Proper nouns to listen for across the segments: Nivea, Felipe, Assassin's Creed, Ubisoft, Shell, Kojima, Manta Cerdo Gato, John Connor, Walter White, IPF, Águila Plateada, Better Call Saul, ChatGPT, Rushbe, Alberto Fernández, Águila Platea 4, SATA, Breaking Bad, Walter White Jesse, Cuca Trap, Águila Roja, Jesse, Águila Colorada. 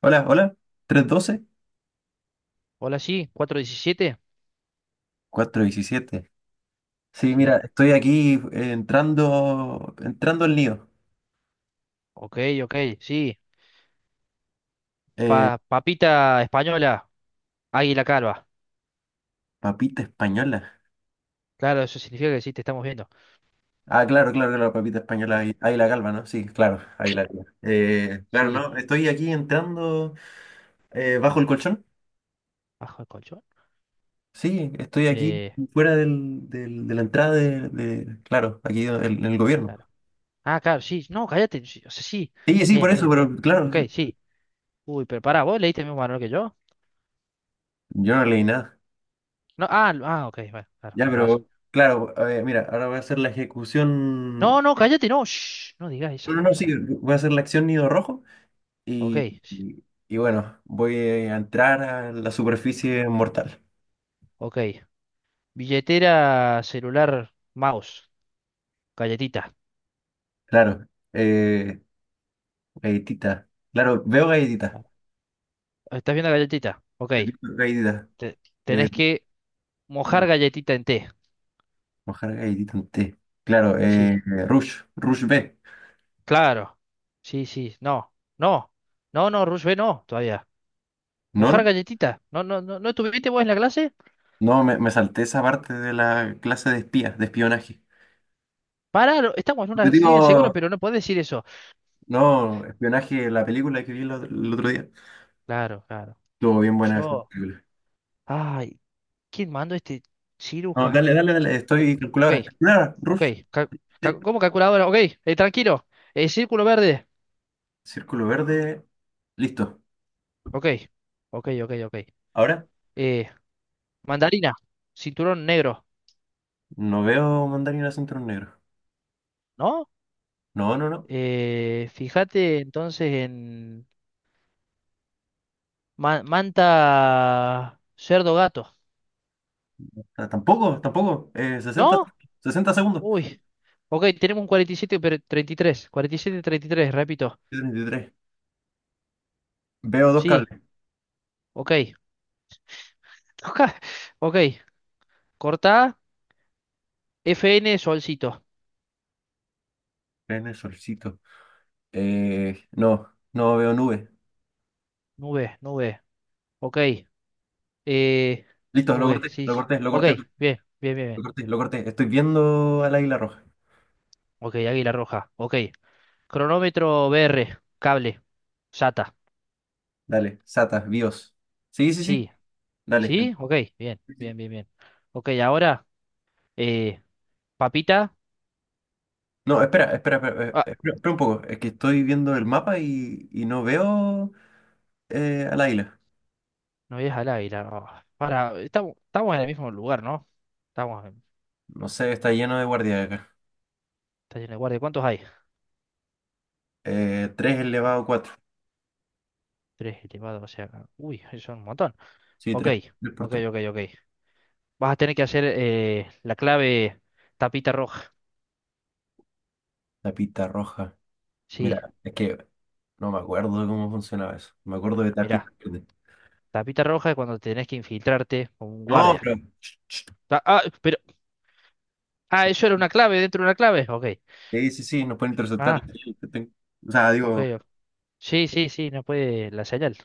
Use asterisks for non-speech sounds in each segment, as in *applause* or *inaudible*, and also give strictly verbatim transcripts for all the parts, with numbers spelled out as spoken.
Hola, hola, Hola, sí, cuatro diecisiete. tres doce, diecisiete. Sí, mira, Sí, estoy aquí eh, entrando, entrando al lío. ok, ok, sí. Eh, Pa- papita española, águila calva. papita española. Claro, eso significa que sí, te estamos viendo. Ah, claro, claro, claro, papita española, Claro, ahí, ahí la calva, ¿no? Sí, claro, ahí la calva. Eh, claro, sí, no, estoy aquí entrando eh, bajo el colchón. bajo el colchón. Sí, estoy aquí Eh, fuera del, del- de la entrada de, de- claro, aquí en el, en el gobierno. claro. Ah, claro, sí, no, cállate. Sí, o sea, sí, Sí, sí, por bien, eso, bien. pero claro, Ok, sí. sí. Uy, pero pará, ¿vos leíste el mismo manual que yo? Yo no leí nada. No, ah, lo- ah, ok, bueno, claro, Ya, con razón. pero claro, a ver, mira, ahora voy a hacer la ejecución. No, no, cállate, no, shh, no digas No, esas no, no, sí, cosas. voy a hacer la acción nido rojo Ok, y, sí, y- y bueno, voy a entrar a la superficie mortal. ok. Billetera, celular, mouse, galletita. Claro, eh, galletita. Claro, veo galletita. Claro. ¿Estás viendo galletita? Ok. Galletita. Te- Eh, tenés que mojar claro, galletita en té. mojar galletita en té. Claro, eh, Sí, Rush, Rush B. claro. Sí, sí, no. No, no, no, Rushbe, no, todavía. No, no, Mojar galletita. No, no, no, ¿no estuviste vos en la clase? no, me, me salté esa parte de la clase de espías, de espionaje. Pará, lo- estamos en Te una línea segura, digo, pero no podés decir eso. no, espionaje, la película que vi el otro, el otro día. Claro, claro. Estuvo bien buena esa Yo, película. ay, ¿quién mandó este No, ciruja? dale, dale, dale, O- estoy Ok, calculadora. Calculadora, ok. Rush. ca- Sí. ca- ¿Cómo calculadora? Ok, eh, tranquilo. Eh, círculo verde. Círculo verde. Listo. Ok, ok, ok, ok. Ahora Eh, Mandarina, cinturón negro. no veo mandarín acento negro. ¿No? No, no, no. Eh, fíjate entonces en ma- Manta Cerdo Gato, Ah, tampoco, tampoco. Eh, sesenta. ¿no? 60 segundos. Uy, ok, tenemos un cuarenta y siete, pero treinta y tres cuarenta y siete, treinta y tres, repito. Treinta y tres. Veo dos Sí, cables. ok. *laughs* Ok, cortá, F N Solcito, En el solcito. Eh, no, no veo nube. nube, nube, ok. Eh, Listo, lo Nube, corté, sí, lo sí. corté, lo Ok, corté, bien, bien, bien, lo bien. corté, lo corté. Estoy viendo al águila roja. Ok, Águila Roja, ok. Cronómetro B R, cable, SATA, Dale, Sata, BIOS. Sí, sí, sí. sí, Dale. sí, ok, bien, Sí, sí. bien, bien, bien. Ok, ahora. Eh, Papita. No, espera, espera, espera, eh, Ah, espera, espera un poco. Es que estoy viendo el mapa y, y no veo eh, al águila. no veías al aire. Ah, para, estamos, estamos en el mismo lugar, ¿no? Estamos en No sé, está lleno de guardias acá. estación de guardia. ¿Cuántos hay? Eh, tres elevado a cuatro. Tres elevados, o sea. Uy, son un montón. Sí, Ok, tres por ok, tres. ok, ok. Vas a tener que hacer eh, la clave tapita roja. Tapita roja. Sí, Mira, es que no me acuerdo de cómo funcionaba eso. Me acuerdo de mirá. tapita verde. Tapita roja es cuando tenés que infiltrarte con un No, guardia. pero. Ch, ch. Ah, ah, pero. Ah, eso era una clave dentro de una clave. Ok. Sí, sí, sí, nos pueden interceptar. Ah, O sea, ok, digo. ok. Sí, sí, sí, no puede la señal.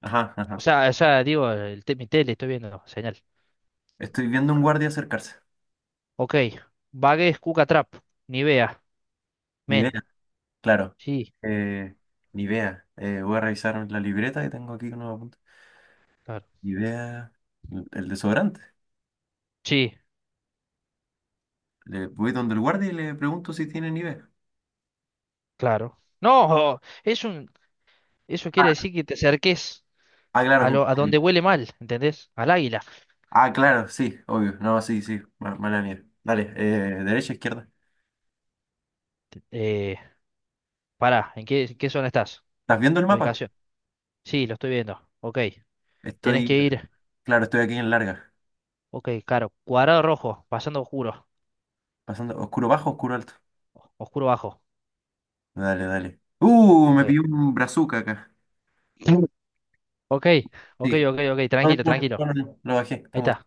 Ajá, ajá. O sea, o sea, digo, el, te- mi tele estoy viendo señal. Estoy viendo un guardia acercarse. Ok. Vague es Cuca Trap. Nivea. Ni vea, Men. claro. Sí, Eh, ni vea. Eh, voy a revisar la libreta que tengo aquí que no me apunta. claro. Ni vea. El el desodorante. Sí, Le voy donde el guardia y le pregunto si tiene Nivea. claro. No, es un, eso quiere decir que te acerques Ah, a, claro. lo, a donde huele mal, ¿entendés? Al águila. Ah, claro, sí, obvio. No, sí, sí, ma- mala mía. Dale, eh, derecha, izquierda. Eh, Pará, ¿en qué, en qué zona estás? ¿Estás viendo el mapa? Ubicación. Sí, lo estoy viendo. Ok. Tenés Estoy, que ir. claro, estoy aquí en larga. Ok, claro. Cuadrado rojo, pasando oscuro. Pasando oscuro bajo, oscuro alto. Oscuro bajo. Dale, dale. Uh, Ok. Me pilló un brazuca acá. Ok, ok, Sí. ok, ok. No, Tranquilo, no, no, tranquilo. no, no, no, lo bajé, está Ahí muerto. está.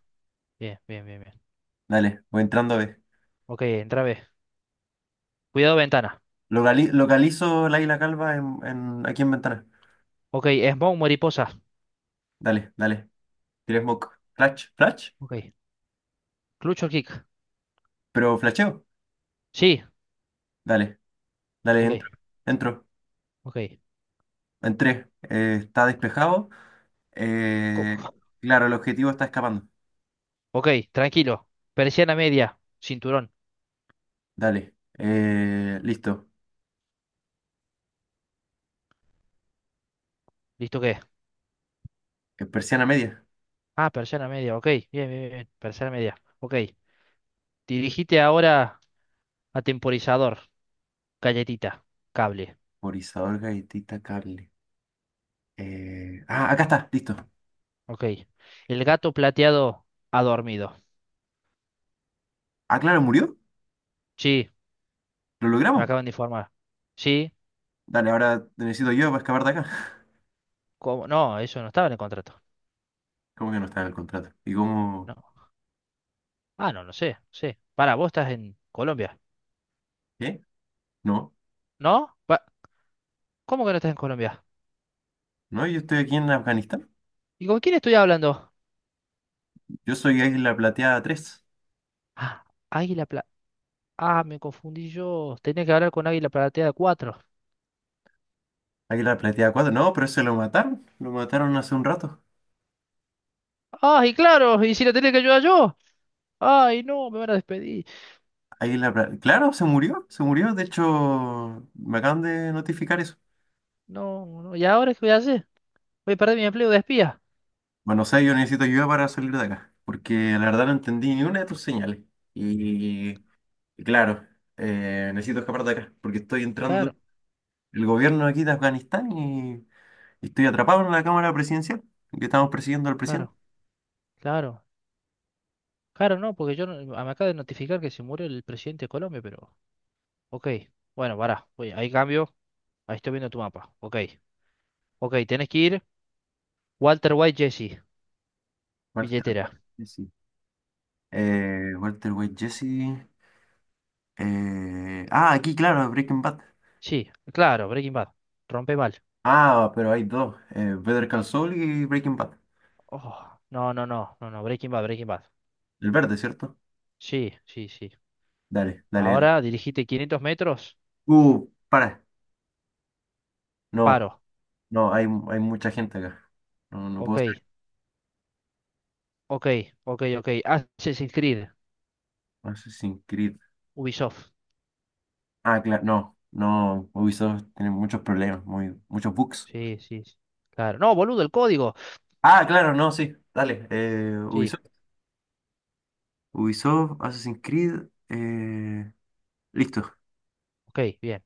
Bien, bien, bien, bien. Dale, voy entrando a ver. Ok, entra B. Cuidado ventana. Locali- localizo la isla calva en, en- aquí en ventana. Ok, smoke mariposa. Dale, dale. Tiré smoke. Flash, flash. Ok. Clutch o kick. Pero flasheo. Sí, Dale, dale, ok, entro. Entro. ok. Entré. Eh, está despejado. Co- Eh, claro, el objetivo está escapando. Ok, tranquilo. Persiana media, cinturón. Dale, eh, listo. ¿Listo qué? Eh, Persiana media. Ah, persiana media, ok. Bien, bien, bien. Persiana media, ok. Dirigite ahora a temporizador, galletita, cable. Por Isadora Gaitita Cable. Eh, ah, acá está, listo. Ok. El gato plateado ha dormido. Ah, claro, murió. Sí, ¿Lo me logramos? acaban de informar. Sí, Dale, ahora te necesito yo para escapar de acá. ¿cómo? No, eso no estaba en el contrato. *laughs* ¿Cómo que no está en el contrato? ¿Y cómo? No. Ah, no, no sé, sí. Para, vos estás en Colombia. ¿Qué? No, ¿No? Pa- ¿Cómo que no estás en Colombia? no, yo estoy aquí en Afganistán. ¿Y con quién estoy hablando? Yo soy Águila Plateada tres. Ah, Águila Plateada. Ah, me confundí yo. Tenía que hablar con Águila Platea cuatro. Águila Plateada cuatro. No, pero ese lo mataron. Lo mataron hace un rato. ¡Ay, claro! ¿Y si la tenía que ayudar yo? ¡Ay, no! Me van a despedir. Águila Plateada. Claro, se murió, se murió. De hecho, me acaban de notificar eso. No, no. ¿Y ahora qué voy a hacer? ¿Voy a perder mi empleo de espía? Bueno, o sea, yo necesito ayuda para salir de acá, porque la verdad no entendí ni una de tus señales. Y, y claro, eh, necesito escapar de acá, porque estoy entrando Claro, el gobierno aquí de Afganistán y, y estoy atrapado en la Cámara Presidencial, que estamos persiguiendo al presidente. claro, claro. Claro, no, porque yo no- me acaba de notificar que se murió el presidente de Colombia, pero... Ok, bueno, pará. Voy, ahí cambio. Ahí estoy viendo tu mapa. Ok, ok, tenés que ir. Walter White Jesse, Walter billetera. White Jesse. Eh, Walter White Jesse. Eh, ah, aquí, claro, Breaking Bad. Sí, claro, Breaking Bad. Rompe mal. Ah, pero hay dos, eh, Better Call Saul y Breaking Bad. Oh, no, no, no, no, no, Breaking Bad, Breaking Bad. El verde, ¿cierto? Sí, sí, sí. Dale, dale, dale. Ahora dirigite quinientos metros, Uh, para. No. paro. No, hay, hay mucha gente acá. No, no puedo ser Ok, ok, ok, ok. Assassin's Creed, Assassin's Creed. Ubisoft. Ah, claro, no, no, Ubisoft tiene muchos problemas, muy, muchos bugs. Sí, sí, sí. Claro. No, boludo, el código. Ah, claro, no, sí, dale. eh, Sí, Ubisoft, Ubisoft, Assassin's Creed, eh, listo. ok, bien.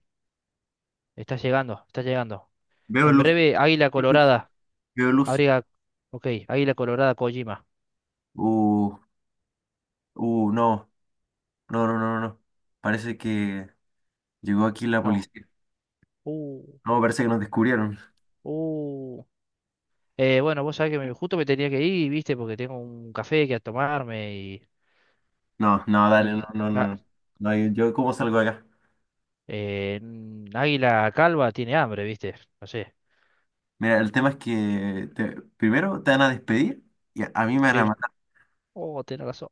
Está llegando, está llegando. Veo En luz, breve, Águila Colorada. veo luz. Abriga. Ok, Águila Colorada Kojima. Uh, uh, no, no, no, no, no. Parece que llegó aquí la No. policía. Uh, No, parece que nos descubrieron. uh. Eh, bueno, vos sabés que me- justo me tenía que ir, viste, porque tengo un café que a tomarme y. No, no, dale, Y no, no, ah, no. No, no, yo, ¿cómo salgo de acá? eh, mm, Águila Calva tiene hambre, viste. No sé. Mira, el tema es que te- primero te van a despedir y a, a mí me van a Sí. matar. Oh, tenés razón.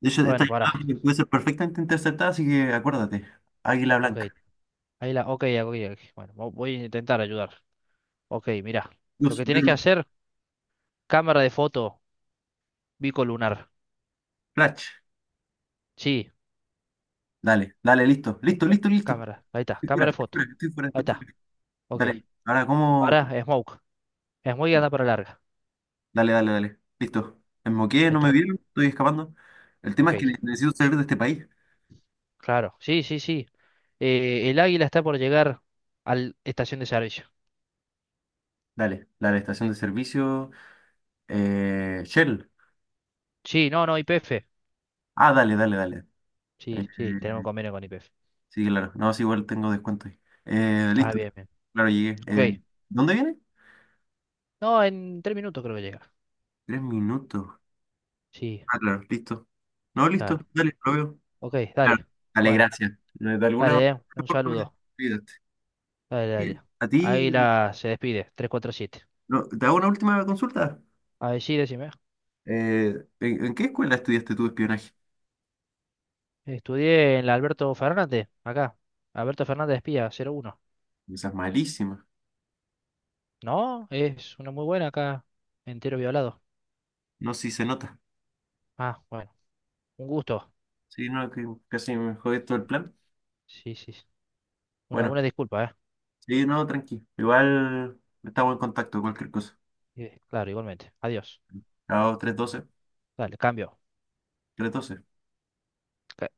De hecho, esta Bueno, pará. llamada puede ser perfectamente interceptada, así que acuérdate. Águila Ok. blanca. Ahí la. Ok, ok, ok. Bueno, vo- voy a intentar ayudar. Ok, mirá. Lo Luz, que tienes que verde, hacer, cámara de foto bicolunar. flash. Sí, Dale, dale, listo. ¿qué? Listo, listo, listo. Cámara. Ahí está, Estoy fuera, cámara de estoy fuera, foto. estoy fuera, Ahí estoy fuera. está. Ok. Dale, ahora, ¿cómo? Pará, cómo- smoke. Smoke y anda para larga. Dale, dale, dale. Listo. Me moqué, Ahí no me está. vieron, estoy escapando. El tema es que Ok. necesito salir de este país. Claro. Sí, sí, sí. Eh, el águila está por llegar a la estación de servicio. Dale, dale, estación de servicio. Eh, Shell. Sí, no, no, I P F. Ah, dale, dale, dale. Eh, Sí, sí, tenemos convenio con I P F. Sí, claro. No, sí, igual tengo descuento ahí. Eh, Ah, Listo. bien, bien. Claro, llegué. Ok. Eh, ¿dónde viene? No, en tres minutos creo que llega. Tres minutos. Sí, Ah, claro, listo. No, listo. claro. Dale, lo veo. Ok, Claro. dale. Dale, Bueno. gracias. Eh, De alguna Dale, eh, un forma me saludo. ayudaste. Dale, Eh, dale. A ti, Águila se despide, tres cuatro siete. no, te hago una última consulta. A ver, sí, decime. Eh, ¿en, en qué escuela estudiaste tu espionaje? Estudié en la Alberto Fernández, acá. Alberto Fernández Espía, cero uno. Esa es malísima. No, es una muy buena acá, entero violado. No, sí se nota. Ah, bueno, un gusto. Sí, no, que casi me jodé todo el plan. Sí, sí, sí. Una, Bueno, una disculpa, ¿eh? sí, no, tranqui. Igual estamos en contacto, cualquier cosa. Eh, Claro, igualmente. Adiós. Chao, tres doce Dale, cambio. tres doce. Ca-